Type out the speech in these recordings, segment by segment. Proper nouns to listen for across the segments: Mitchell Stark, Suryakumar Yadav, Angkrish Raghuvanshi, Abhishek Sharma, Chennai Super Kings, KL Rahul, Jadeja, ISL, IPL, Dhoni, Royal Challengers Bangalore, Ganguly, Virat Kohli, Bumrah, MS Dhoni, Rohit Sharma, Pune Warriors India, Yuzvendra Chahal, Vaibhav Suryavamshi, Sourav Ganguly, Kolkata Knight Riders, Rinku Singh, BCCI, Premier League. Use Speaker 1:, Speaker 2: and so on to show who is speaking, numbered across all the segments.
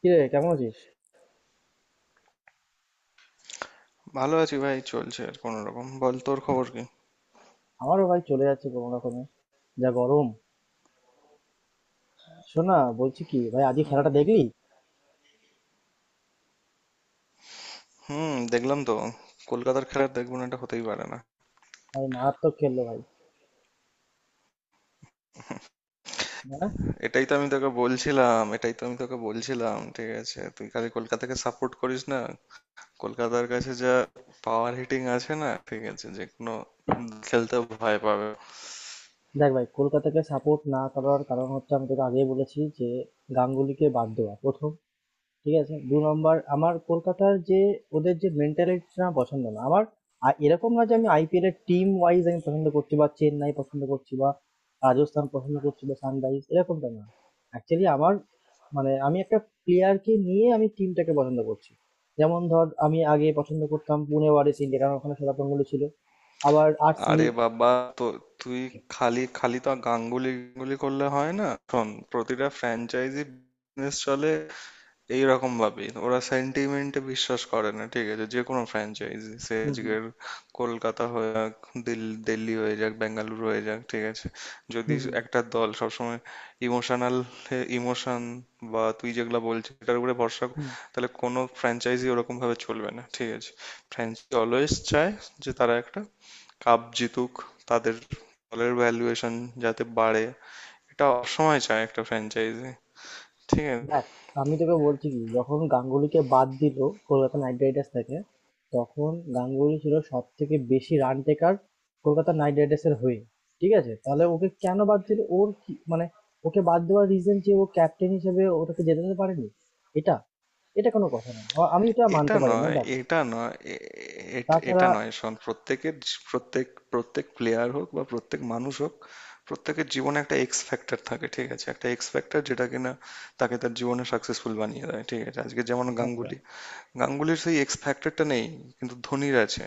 Speaker 1: কিরে, কেমন আছিস?
Speaker 2: ভালো আছি ভাই, চলছে আর কোনো রকম। বল, তোর খবর কি?
Speaker 1: আমারও ভাই চলে যাচ্ছে কোনো রকমে। যা গরম! শোন না, বলছি কি ভাই, আজকে খেলাটা
Speaker 2: হুম।
Speaker 1: দেখলি?
Speaker 2: হুম, দেখলাম তো। কলকাতার খেলা দেখবো না, এটা হতেই পারে না।
Speaker 1: ভাই মারাত্মক খেললো ভাই। হ্যাঁ।
Speaker 2: এটাই তো আমি তোকে বলছিলাম, এটাই তো আমি তোকে বলছিলাম, ঠিক আছে? তুই খালি কলকাতাকে সাপোর্ট করিস না। কলকাতার কাছে যা পাওয়ার হিটিং আছে, না, ঠিক আছে, যে কোনো খেলতে ভয় পাবে।
Speaker 1: দেখ ভাই, কলকাতাকে সাপোর্ট না করার কারণ হচ্ছে আমি তোকে আগেই বলেছি যে গাঙ্গুলিকে বাদ দেওয়া প্রথম। ঠিক আছে? ২ নম্বর, আমার কলকাতার যে ওদের যে মেন্টালিটিটা আমার পছন্দ না। আমার এরকম না যে আমি আইপিএল এর টিম ওয়াইজ আমি পছন্দ করছি, বা চেন্নাই পছন্দ করছি বা রাজস্থান পছন্দ করছি বা সানরাইজ, এরকমটা না। অ্যাকচুয়ালি আমার মানে আমি একটা প্লেয়ারকে নিয়ে আমি টিমটাকে পছন্দ করছি। যেমন ধর, আমি আগে পছন্দ করতাম পুনে ওয়ারিয়র্স ইন্ডিয়া, কারণ ওখানে সৌরভ গাঙ্গুলী ছিল। আবার
Speaker 2: আরে
Speaker 1: আরসিবি।
Speaker 2: বাবা, তো তুই খালি খালি তো গাঙ্গুলি গাঙ্গুলি করলে হয় না। শোন, প্রতিটা ফ্র্যাঞ্চাইজি বিজনেস চলে এইরকম ভাবেই। ওরা সেন্টিমেন্টে বিশ্বাস করে না, ঠিক আছে? যে কোনো ফ্র্যাঞ্চাইজি, সে
Speaker 1: হুম, হুম,
Speaker 2: আজকের কলকাতা হয়ে যাক, দিল্লি হয়ে যাক, বেঙ্গালুরু হয়ে যাক, ঠিক আছে। যদি
Speaker 1: হুম, হুম,
Speaker 2: একটা দল সবসময় ইমোশনাল, ইমোশন বা তুই যেগুলা বলছিস এটার উপরে
Speaker 1: হুম।
Speaker 2: তাহলে কোনো ফ্র্যাঞ্চাইজি ওরকম ভাবে চলবে না, ঠিক আছে। ফ্র্যাঞ্চাইজি অলওয়েজ চায় যে তারা একটা কাপ জিতুক, তাদের দলের ভ্যালুয়েশন যাতে বাড়ে। এটা সবসময় চায় একটা ফ্র্যাঞ্চাইজি, ঠিক আছে।
Speaker 1: দেখ, আমি তোকে বলছি কি, যখন গাঙ্গুলিকে বাদ দিল কলকাতা নাইট রাইডার্স থেকে, তখন গাঙ্গুলি ছিল সব থেকে বেশি run taker Kolkata Knight Riders এর হয়ে। ঠিক আছে, তাহলে ওকে কেন বাদ দিল? ওর কি মানে, ওকে বাদ দেওয়ার রিজন যে ও ক্যাপ্টেন হিসেবে ওটাকে জেতাতে পারেনি, এটা এটা কোনো কথা না। আমি এটা
Speaker 2: এটা
Speaker 1: মানতে পারি না।
Speaker 2: নয়,
Speaker 1: দেখ,
Speaker 2: এটা নয়, এ- এ- এটা
Speaker 1: তাছাড়া
Speaker 2: নয়। শোন, প্রত্যেক প্লেয়ার হোক বা প্রত্যেক মানুষ হোক, প্রত্যেকের জীবনে একটা এক্স ফ্যাক্টর থাকে, ঠিক আছে? একটা এক্স ফ্যাক্টর যেটা কিনা তাকে তার জীবনে সাকসেসফুল বানিয়ে দেয়, ঠিক আছে? আজকে যেমন
Speaker 1: আচ্ছা।
Speaker 2: গাঙ্গুলি, গাঙ্গুলির সেই এক্স ফ্যাক্টরটা নেই, কিন্তু ধোনির আছে।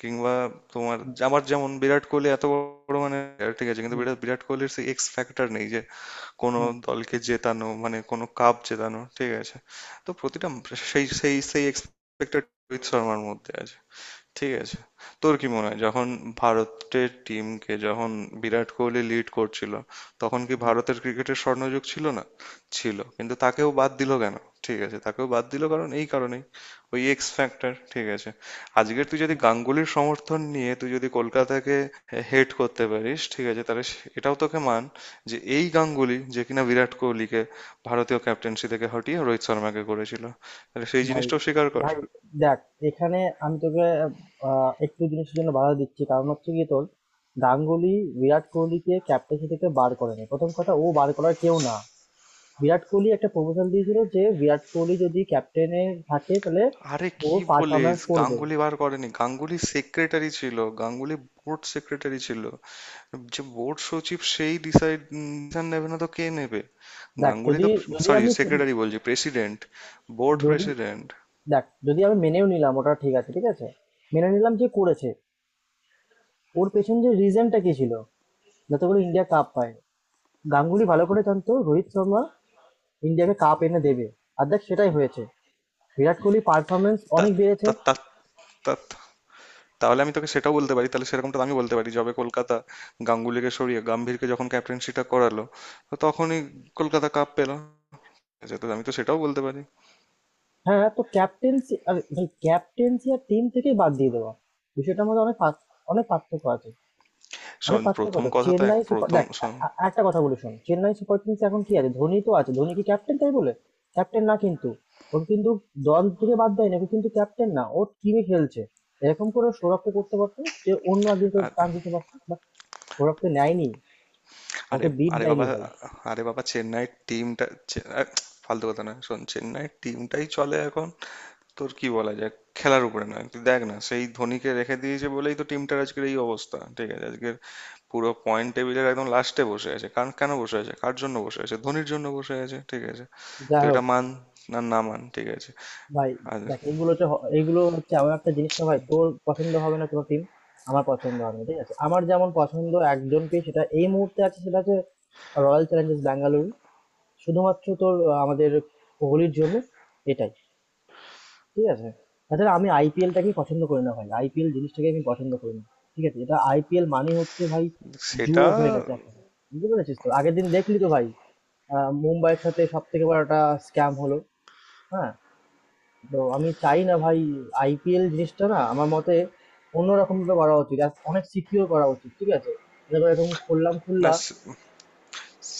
Speaker 2: কিংবা তোমার
Speaker 1: হুম
Speaker 2: আমার যেমন বিরাট কোহলি, এত বড় মানে player, ঠিক আছে? কিন্তু
Speaker 1: হুম
Speaker 2: বিরাট বিরাট কোহলির সেই এক্স ফ্যাক্টর নেই যে কোনো
Speaker 1: হুম
Speaker 2: দলকে জেতানো, মানে কোনো কাপ জেতানো, ঠিক আছে। তো প্রতিটা সেই সেই সেই এক্সপেক্টেড রোহিত শর্মার মধ্যে আছে, ঠিক আছে। তোর কি মনে হয়, যখন ভারতের টিমকে যখন বিরাট কোহলি লিড করছিল তখন কি
Speaker 1: হুম
Speaker 2: ভারতের ক্রিকেটের স্বর্ণযুগ ছিল না? ছিল। কিন্তু তাকেও বাদ দিল কেন? ঠিক আছে, তাকেও বাদ দিল কারণ এই কারণেই, ওই এক্স ফ্যাক্টর, ঠিক আছে। আজকের তুই যদি
Speaker 1: হুম।
Speaker 2: গাঙ্গুলির সমর্থন নিয়ে তুই যদি কলকাতাকে হেড করতে পারিস, ঠিক আছে, তাহলে এটাও তোকে মান, যে এই গাঙ্গুলি যে কিনা বিরাট কোহলিকে ভারতীয় ক্যাপ্টেন্সি থেকে হটিয়ে রোহিত শর্মাকে করেছিল, তাহলে সেই
Speaker 1: ভাই,
Speaker 2: জিনিসটাও স্বীকার কর।
Speaker 1: ভাই, দেখ, এখানে আমি তোকে, একটু জিনিসের জন্য বাধা দিচ্ছি, কারণ হচ্ছে কি তোর গাঙ্গুলি বিরাট কোহলিকে ক্যাপ্টেন্সি থেকে বার করেনি। প্রথম কথা, ও বার করার কেউ না। বিরাট কোহলি একটা প্রপোজাল দিয়েছিল যে বিরাট কোহলি যদি ক্যাপ্টেনে থাকে তাহলে
Speaker 2: আরে
Speaker 1: ও
Speaker 2: কি বলিস,
Speaker 1: পারফরমেন্স করবে।
Speaker 2: গাঙ্গুলি বার করেনি? গাঙ্গুলি সেক্রেটারি ছিল, গাঙ্গুলি বোর্ড সেক্রেটারি ছিল, যে বোর্ড সচিব, সেই ডিসাইড নেবে না তো কে নেবে?
Speaker 1: দেখ,
Speaker 2: গাঙ্গুলি
Speaker 1: যদি
Speaker 2: তো,
Speaker 1: যদি
Speaker 2: সরি
Speaker 1: আমি সু-
Speaker 2: সেক্রেটারি বলছি, প্রেসিডেন্ট, বোর্ড
Speaker 1: যদি
Speaker 2: প্রেসিডেন্ট।
Speaker 1: দেখ, যদি আমি মেনেও নিলাম ওটা, ঠিক আছে, ঠিক আছে, মেনে নিলাম যে করেছে, ওর পেছনে যে রিজনটা কি ছিল, যাতে করে ইন্ডিয়া কাপ পায়, গাঙ্গুলি ভালো করে জানতো রোহিত শর্মা ইন্ডিয়াকে কাপ এনে দেবে। আর দেখ, সেটাই হয়েছে। বিরাট কোহলি পারফরমেন্স অনেক বেড়েছে।
Speaker 2: তাহলে আমি তোকে সেটাও বলতে পারি, তাহলে সেরকমটা আমি বলতে পারি, যবে কলকাতা গাঙ্গুলিকে সরিয়ে গাম্ভীরকে যখন ক্যাপ্টেন্সিটা করালো, তো তখনই কলকাতা কাপ পেল, ঠিক আছে, তো আমি তো সেটাও বলতে পারি।
Speaker 1: হ্যাঁ, তো ক্যাপ্টেন্সি আর ভাই, ক্যাপ্টেন্সি আর টিম থেকেই বাদ দিয়ে দেওয়া বিষয়টার মধ্যে অনেক অনেক পার্থক্য আছে। অনেক
Speaker 2: শোন,
Speaker 1: পার্থক্য
Speaker 2: প্রথম
Speaker 1: আছে
Speaker 2: কথা তো এক,
Speaker 1: চেন্নাই সুপার।
Speaker 2: প্রথম
Speaker 1: দেখ,
Speaker 2: শোন।
Speaker 1: একটা কথা বলি, শোন, চেন্নাই সুপার কিংস এখন কি আছে? ধোনি তো আছে। ধোনি কি ক্যাপ্টেন? তাই বলে ক্যাপ্টেন না, কিন্তু ওকে কিন্তু দল থেকে বাদ দেয় না। ওকে কিন্তু ক্যাপ্টেন না, ও টিমে খেলছে। এরকম করে সৌরভকে করতে পারতো, যে অন্য একদিন করে
Speaker 2: আর
Speaker 1: টান দিতে পারতো, বা সৌরভকে নেয়নি,
Speaker 2: আরে
Speaker 1: ওকে বিট
Speaker 2: আরে
Speaker 1: দেয়নি
Speaker 2: বাবা,
Speaker 1: ভাই।
Speaker 2: চেন্নাইয়ের টিমটা ফালতু কথা না। শোন, চেন্নাইয়ের টিমটাই চলে এখন, তোর কি বলা যায় খেলার উপরে। না, তুই দেখ না, সেই ধোনিকে রেখে দিয়েছে বলেই তো টিমটার আজকের এই অবস্থা, ঠিক আছে। আজকের পুরো পয়েন্ট টেবিলের একদম লাস্টে বসে আছে। কারণ কেন বসে আছে, কার জন্য বসে আছে? ধোনির জন্য বসে আছে, ঠিক আছে। তো
Speaker 1: যাই
Speaker 2: এটা
Speaker 1: হোক
Speaker 2: মান, না না মান, ঠিক আছে।
Speaker 1: ভাই,
Speaker 2: আর
Speaker 1: দেখ, এগুলো তো এগুলো হচ্ছে এমন একটা জিনিসটা, ভাই তোর পছন্দ হবে না কোনো টিম, আমার পছন্দ হবে না। ঠিক আছে, আমার যেমন পছন্দ একজনকে সেটা এই মুহূর্তে আছে, সেটা হচ্ছে রয়্যাল চ্যালেঞ্জার্স ব্যাঙ্গালুরু, শুধুমাত্র তোর, আমাদের কোহলির জন্য। এটাই, ঠিক আছে। তাছাড়া আমি আইপিএলটাকেই পছন্দ করি না ভাই, আইপিএল জিনিসটাকে আমি পছন্দ করি না। ঠিক আছে, এটা আইপিএল মানে হচ্ছে ভাই
Speaker 2: সেটা
Speaker 1: জুয়ো হয়ে গেছে এখন। বুঝতে পেরেছিস তো? আগের দিন দেখলি তো ভাই, মুম্বাইয়ের সাথে সব থেকে বড় একটা স্ক্যাম হলো। হ্যাঁ। তো আমি চাই না ভাই, আইপিএল জিনিসটা না, আমার মতে অন্যরকম ভাবে করা উচিত, আর অনেক সিকিউর করা উচিত। ঠিক আছে, তারপর এরকম খুললাম খুললা
Speaker 2: না,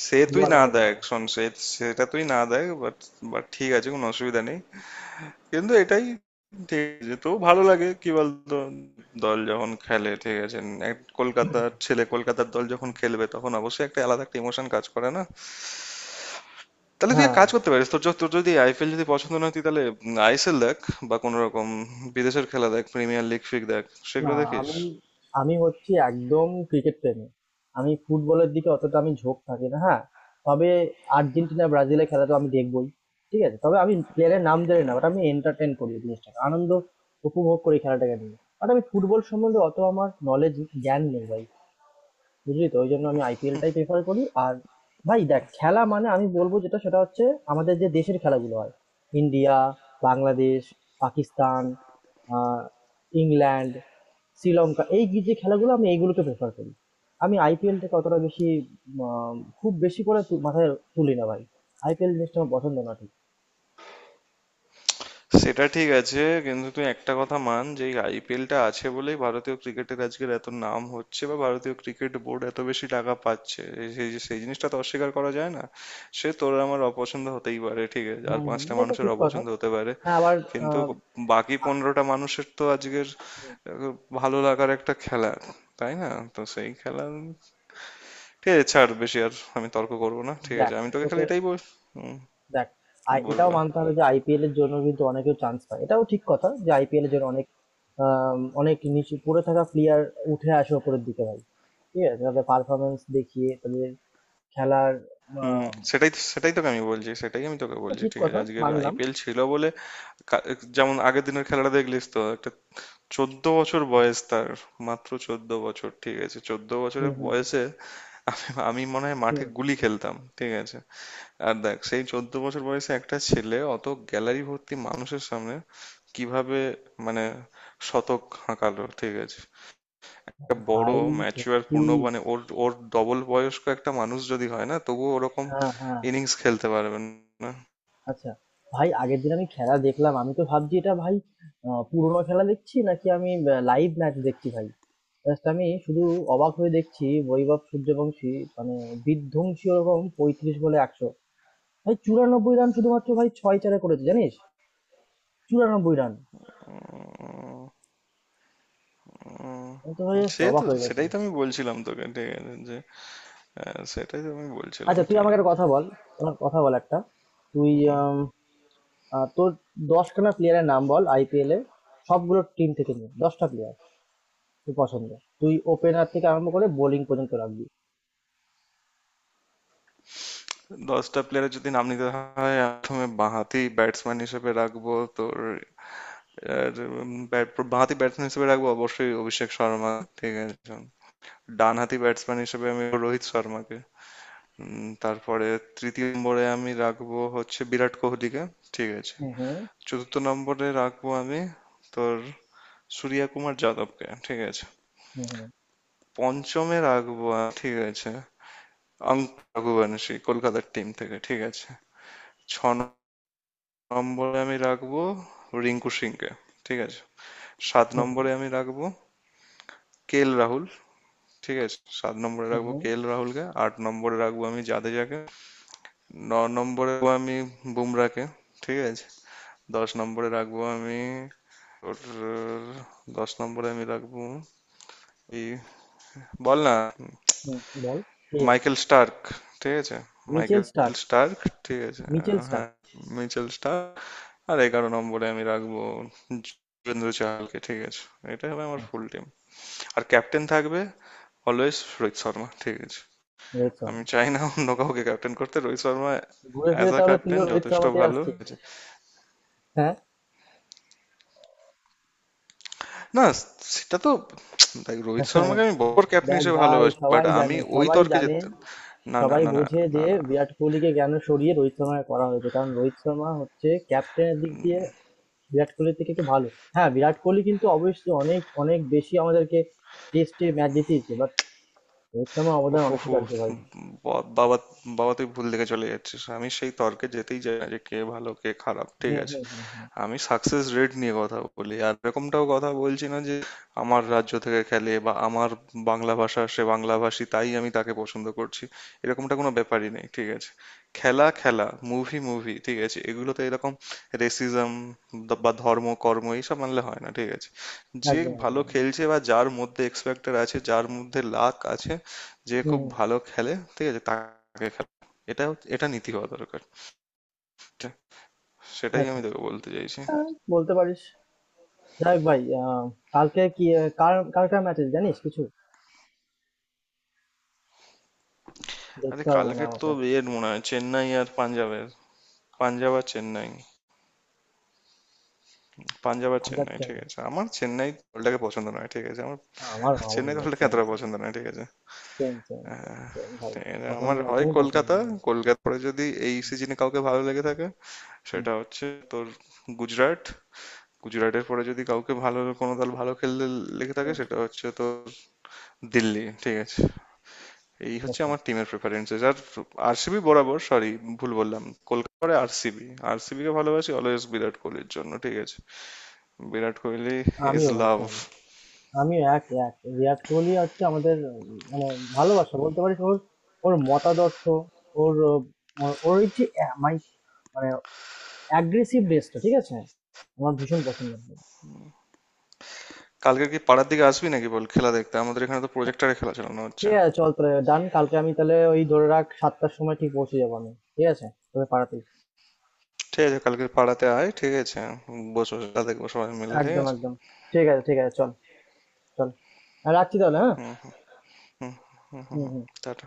Speaker 2: সে তুই
Speaker 1: দুয়া না
Speaker 2: না
Speaker 1: হতে
Speaker 2: দেখ
Speaker 1: পারে।
Speaker 2: শোন সে সেটা তুই না দেখ, বাট বাট ঠিক আছে, কোনো অসুবিধা নেই। কিন্তু এটাই ঠিক, যে তো ভালো লাগে কি বলতো, দল যখন খেলে, ঠিক আছে। এক কলকাতার ছেলে, কলকাতার দল যখন খেলবে তখন অবশ্যই একটা আলাদা একটা ইমোশন কাজ করে, না? তাহলে তুই এক
Speaker 1: হ্যাঁ,
Speaker 2: কাজ করতে পারিস, তোর যদি আইপিএল যদি পছন্দ না হয়, তুই তাহলে আইএসএল দেখ, বা কোনো রকম বিদেশের খেলা দেখ, প্রিমিয়ার লিগ ফিগ দেখ, সেগুলো
Speaker 1: না।
Speaker 2: দেখিস।
Speaker 1: আমি, আমি হচ্ছে একদম ক্রিকেট প্রেমী। আমি ফুটবলের দিকে অতটা আমি ঝোঁক থাকি না। হ্যাঁ, তবে আর্জেন্টিনা ব্রাজিলের খেলা তো আমি দেখবই। ঠিক আছে, তবে আমি প্লেয়ারের নাম জানি না, বাট আমি এন্টারটেন করি ওই জিনিসটাকে, আনন্দ উপভোগ করি খেলাটাকে নিয়ে, বাট আমি ফুটবল সম্বন্ধে অত আমার নলেজ, জ্ঞান নেই ভাই। বুঝলি তো? ওই জন্য আমি আইপিএলটাই প্রেফার করি। আর ভাই দেখ, খেলা মানে আমি বলবো যেটা সেটা হচ্ছে আমাদের যে দেশের খেলাগুলো হয়, ইন্ডিয়া, বাংলাদেশ, পাকিস্তান, আহ, ইংল্যান্ড, শ্রীলঙ্কা, এই যে খেলাগুলো আমি এইগুলোকে প্রেফার করি। আমি আইপিএলটাকে অতটা বেশি, আহ, খুব বেশি করে মাথায় তুলি না ভাই। আইপিএল জিনিসটা আমার পছন্দ না, ঠিক।
Speaker 2: সেটা ঠিক আছে। কিন্তু তুই একটা কথা মান, যে এই আইপিএলটা আছে বলেই ভারতীয় ক্রিকেটের আজকের এত নাম হচ্ছে, বা ভারতীয় ক্রিকেট বোর্ড এত বেশি টাকা পাচ্ছে, সেই সেই জিনিসটা তো অস্বীকার করা যায় না। সে তোর আর আমার অপছন্দ হতেই পারে, ঠিক আছে, আর
Speaker 1: হম হম,
Speaker 2: পাঁচটা
Speaker 1: এটা
Speaker 2: মানুষের
Speaker 1: ঠিক কথা।
Speaker 2: অপছন্দ হতে পারে,
Speaker 1: হ্যাঁ, আবার
Speaker 2: কিন্তু
Speaker 1: আহ,
Speaker 2: বাকি
Speaker 1: আ-
Speaker 2: 15টা মানুষের তো আজকের আহ, ভালো লাগার একটা খেলা, তাই না? তো সেই খেলা, ঠিক আছে, ছাড় বেশি আর আমি তর্ক করবো না, ঠিক
Speaker 1: দেখ
Speaker 2: আছে, আমি তোকে খালি
Speaker 1: তোকে,
Speaker 2: এটাই বল। হুম,
Speaker 1: দেখ, আর এটাও
Speaker 2: বলবো।
Speaker 1: মানতে হবে যে আইপিএল এর জন্য কিন্তু অনেকেও চান্স পায়, এটাও ঠিক কথা যে আইপিএল এর জন্য অনেক, অনেক নিচু পড়ে থাকা প্লেয়ার উঠে আসে ওপরের দিকে ভাই। ঠিক আছে, তাদের পারফরমেন্স দেখিয়ে তাদের খেলার,
Speaker 2: হুম,
Speaker 1: আম,
Speaker 2: সেটাই তো, সেটাই তোকে আমি বলছি, সেটাই আমি তোকে
Speaker 1: এটা
Speaker 2: বলছি,
Speaker 1: ঠিক
Speaker 2: ঠিক আছে।
Speaker 1: কথা,
Speaker 2: আজকের
Speaker 1: মানলাম।
Speaker 2: আইপিএল ছিল বলে, কা- যেমন আগের দিনের খেলাটা দেখলিস তো। একটা 14 বছর বয়স তার, মাত্র 14 বছর, ঠিক আছে, 14
Speaker 1: হুম
Speaker 2: বছরের
Speaker 1: হুম হুম
Speaker 2: বয়সে আমি আমি মনে হয় মাঠে
Speaker 1: হুম।
Speaker 2: গুলি খেলতাম, ঠিক আছে। আর দেখ, সেই 14 বছর বয়সে একটা ছেলে অত গ্যালারি ভর্তি মানুষের সামনে কিভাবে মানে শতক হাঁকালো, ঠিক আছে। একটা বড়
Speaker 1: ভাই
Speaker 2: ম্যাচিওর
Speaker 1: সত্যি,
Speaker 2: পূর্ণ, মানে ওর ওর ডবল বয়স্ক একটা মানুষ যদি হয় না, তবুও ওরকম
Speaker 1: হ্যাঁ হ্যাঁ।
Speaker 2: ইনিংস খেলতে পারবেন না।
Speaker 1: আচ্ছা ভাই, আগের দিন আমি খেলা দেখলাম, আমি তো ভাবছি এটা ভাই, পুরোনো খেলা দেখছি নাকি আমি লাইভ ম্যাচ দেখছি ভাই। জাস্ট আমি শুধু অবাক হয়ে দেখছি, বৈভব সূর্যবংশী, মানে বিধ্বংসী, ওরকম পঁয়ত্রিশ বলে একশো, ভাই চুরানব্বই রান শুধুমাত্র ভাই ছয় চারে করেছে, জানিস? চুরানব্বই রান!
Speaker 2: উম,
Speaker 1: আমি তো ভাই
Speaker 2: উম,
Speaker 1: জাস্ট
Speaker 2: সে
Speaker 1: অবাক
Speaker 2: তো
Speaker 1: হয়ে গেছি।
Speaker 2: সেটাই তো আমি বলছিলাম তোকে, ঠিক আছে, যে হ্যাঁ, সেটাই তো আমি বলছিলাম,
Speaker 1: আচ্ছা, তুই
Speaker 2: ঠিক
Speaker 1: আমাকে
Speaker 2: আছে।
Speaker 1: একটা কথা বল। আমার কথা বল একটা, তুই,
Speaker 2: হুম।
Speaker 1: আম, তোর দশখানা প্লেয়ারের নাম বল আইপিএল এ, সবগুলো টিম থেকে নিয়ে দশটা প্লেয়ার তুই পছন্দ, তুই ওপেনার থেকে আরম্ভ করে বোলিং পর্যন্ত রাখবি।
Speaker 2: 10টা প্লেয়ারের যদি নাম নিতে হয়, প্রথমে বাঁহাতি ব্যাটসম্যান হিসেবে রাখবো তোর, আর, বাঁহাতি ব্যাটসম্যান হিসেবে রাখবো অবশ্যই অভিষেক শর্মা, ঠিক আছে। ডানহাতি ব্যাটসম্যান হিসেবে আমি রোহিত শর্মাকে, তারপরে তৃতীয় নম্বরে আমি রাখবো হচ্ছে বিরাট কোহলিকে, ঠিক আছে।
Speaker 1: হুম হুম
Speaker 2: চতুর্থ নম্বরে রাখবো আমি তোর সূর্য কুমার যাদবকে, ঠিক আছে।
Speaker 1: হুম হুম
Speaker 2: পঞ্চমে রাখবো ঠিক আছে, অঙ্ক রঘুবংশী, কলকাতার টিম থেকে, ঠিক আছে। ছ নম্বরে আমি রাখবো রিঙ্কু সিংকে, ঠিক আছে। 7
Speaker 1: হুম
Speaker 2: নম্বরে আমি রাখবো কেএল রাহুল, ঠিক আছে, 7 নম্বরে
Speaker 1: হুম
Speaker 2: রাখবো
Speaker 1: হুম।
Speaker 2: কেএল রাহুলকে, 8 নম্বরে রাখবো আমি জাদেজাকে, 9 নম্বরে রাখবো আমি বুমরাকে, ঠিক আছে। 10 নম্বরে রাখবো আমি, ওর 10 নম্বরে আমি রাখবো, এই বল না,
Speaker 1: হুম, হুম, বল, কে?
Speaker 2: মাইকেল স্টার্ক, ঠিক আছে,
Speaker 1: মিচেল
Speaker 2: মাইকেল
Speaker 1: স্টার্ক,
Speaker 2: স্টার্ক, ঠিক আছে,
Speaker 1: মিচেল
Speaker 2: আহ,
Speaker 1: স্টার্ক।
Speaker 2: হ্যাঁ, মিচেল স্টার্ক। আর 11 নম্বরে আমি রাখবো যুবেন্দ্র চাহালকে, ঠিক আছে। এটাই হবে আমার
Speaker 1: আচ্ছা।
Speaker 2: Full team. আর ক্যাপ্টেন থাকবে অলওয়েজ রোহিত শর্মা, ঠিক আছে।
Speaker 1: রোহিত শর্মা।
Speaker 2: আমি চাই না অন্য কাউকে ক্যাপ্টেন করতে। রোহিত শর্মা
Speaker 1: ঘুরে
Speaker 2: অ্যাজ
Speaker 1: ফিরে
Speaker 2: আ
Speaker 1: তাহলে
Speaker 2: ক্যাপ্টেন
Speaker 1: তুইও রোহিত
Speaker 2: যথেষ্ট
Speaker 1: শর্মাতে
Speaker 2: ভালো।
Speaker 1: আসছিস। হ্যাঁ।
Speaker 2: না, সেটা তো দেখ, রোহিত শর্মাকে আমি বড় ক্যাপ্টেন
Speaker 1: দেখ
Speaker 2: হিসেবে
Speaker 1: ভাই,
Speaker 2: ভালোবাসি, বাট
Speaker 1: সবাই
Speaker 2: আমি
Speaker 1: জানে,
Speaker 2: ওই
Speaker 1: সবাই
Speaker 2: তর্কে
Speaker 1: জানে,
Speaker 2: যেতে, না না
Speaker 1: সবাই
Speaker 2: না না
Speaker 1: বোঝে
Speaker 2: না
Speaker 1: যে
Speaker 2: না,
Speaker 1: বিরাট কোহলিকে কেন সরিয়ে রোহিত শর্মাকে করা হয়েছে, কারণ রোহিত শর্মা হচ্ছে ক্যাপ্টেনের দিক দিয়ে বিরাট কোহলির থেকে একটু ভালো। হ্যাঁ, বিরাট কোহলি কিন্তু অবশ্যই অনেক অনেক বেশি আমাদেরকে টেস্টে ম্যাচ জিতিয়েছে, বাট রোহিত শর্মার অবদান
Speaker 2: উফু হু,
Speaker 1: অনস্বীকার্য ভাই।
Speaker 2: বাবা, বাবা, তুই ভুল দিকে চলে যাচ্ছিস। আমি সেই তর্কে যেতেই চাই না, যে কে ভালো কে খারাপ, ঠিক
Speaker 1: হুম
Speaker 2: আছে।
Speaker 1: হুম হুম হুম।
Speaker 2: আমি সাকসেস রেট নিয়ে কথা বলি। আর এরকমটাও কথা বলছি না যে আমার রাজ্য থেকে খেলে, বা আমার বাংলা ভাষা, সে বাংলাভাষী, তাই আমি তাকে পছন্দ করছি, এরকমটা কোনো ব্যাপারই নেই, ঠিক আছে। খেলা খেলা, মুভি মুভি, ঠিক আছে, এগুলোতে এরকম রেসিজম বা ধর্ম কর্ম এইসব মানলে হয় না, ঠিক আছে। যে
Speaker 1: একদম, একদম,
Speaker 2: ভালো
Speaker 1: একদম।
Speaker 2: খেলছে, বা যার মধ্যে এক্স ফ্যাক্টর আছে, যার মধ্যে লাক আছে, যে
Speaker 1: হুম
Speaker 2: খুব
Speaker 1: হুম।
Speaker 2: ভালো খেলে, ঠিক আছে, তাকে খেলা, এটা এটা নীতি হওয়া দরকার। ঠিক- সেটাই আমি
Speaker 1: আচ্ছা,
Speaker 2: তোকে বলতে চাইছি।
Speaker 1: বলতে পারিস। যাই হোক ভাই, কালকে কি কার কার কার ম্যাচ আছে, জানিস কিছু?
Speaker 2: আরে
Speaker 1: দেখতে হবে মনে হয়
Speaker 2: কালকের তো
Speaker 1: আমাকে।
Speaker 2: ইয়ের মনে হয় চেন্নাই আর পাঞ্জাবের, পাঞ্জাব আর চেন্নাই পাঞ্জাব আর
Speaker 1: পাঞ্জাব
Speaker 2: চেন্নাই, ঠিক
Speaker 1: চেন্নাই।
Speaker 2: আছে। আমার চেন্নাই দলটাকে পছন্দ নয়, ঠিক আছে,
Speaker 1: আমারও, আমারও
Speaker 2: চেন্নাই
Speaker 1: ভাই,
Speaker 2: দলটাকে
Speaker 1: সেম
Speaker 2: এতটা
Speaker 1: সেম,
Speaker 2: পছন্দ নয়, ঠিক আছে।
Speaker 1: সেম সেম
Speaker 2: হ্যাঁ,
Speaker 1: সেম ভাই।
Speaker 2: এরা আমার
Speaker 1: পছন্দ
Speaker 2: হয়
Speaker 1: একদমই পছন্দ
Speaker 2: কলকাতা,
Speaker 1: না আমার।
Speaker 2: কলকাতা পরে যদি এই
Speaker 1: হুম
Speaker 2: সিজনে কাউকে ভালো লেগে থাকে
Speaker 1: হুম
Speaker 2: সেটা হচ্ছে তোর গুজরাট। গুজরাটের পরে যদি কাউকে ভালো, কোনো দল ভালো খেলতে লেগে থাকে,
Speaker 1: হুম।
Speaker 2: সেটা হচ্ছে তোর দিল্লি, ঠিক আছে। এই হচ্ছে
Speaker 1: আচ্ছা।
Speaker 2: আমার টিমের প্রেফারেন্সেস। আর আরসিবি বরাবর, সরি ভুল বললাম, কলকাতা পরে আরসিবি, কে ভালোবাসি অলওয়েজ বিরাট কোহলির জন্য, ঠিক আছে। বিরাট কোহলি ইজ
Speaker 1: আমিও ভাই
Speaker 2: লাভ।
Speaker 1: সেম। আমিও এক, এক। বিরাট কোহলি হচ্ছে আমাদের, মানে ভালোবাসা, বলতে পারিস ওর, ওর মতাদর্শ, ওর ওর এই যে অ্যা মাই মানে aggressiveness টা, ঠিক আছে? আমার ভীষণ পছন্দ।
Speaker 2: কালকে কি পাড়ার দিকে আসবি নাকি? বল, খেলা দেখতে আমাদের এখানে তো প্রজেক্টরে খেলা চালানো হচ্ছে।
Speaker 1: ঠিক আছে, চল তাহলে, ডান। কালকে আমি তাহলে ওই ধরে রাখ ৭ঃ০০ র সময় ঠিক পৌঁছে যাবো আমি। ঠিক আছে? তোদের পাড়াতেই।
Speaker 2: ঠিক আছে, কালকে পাড়াতে আয়, ঠিক আছে, বসে খেলা দেখবো সবাই মিলে, ঠিক
Speaker 1: একদম,
Speaker 2: আছে।
Speaker 1: একদম। ঠিক আছে, ঠিক আছে। চল, চল। আ রাখছি তাহলে, হ্যাঁ?
Speaker 2: হুম। হুম। হুম হুম
Speaker 1: হুম,
Speaker 2: হুম
Speaker 1: হুম।
Speaker 2: টাটা।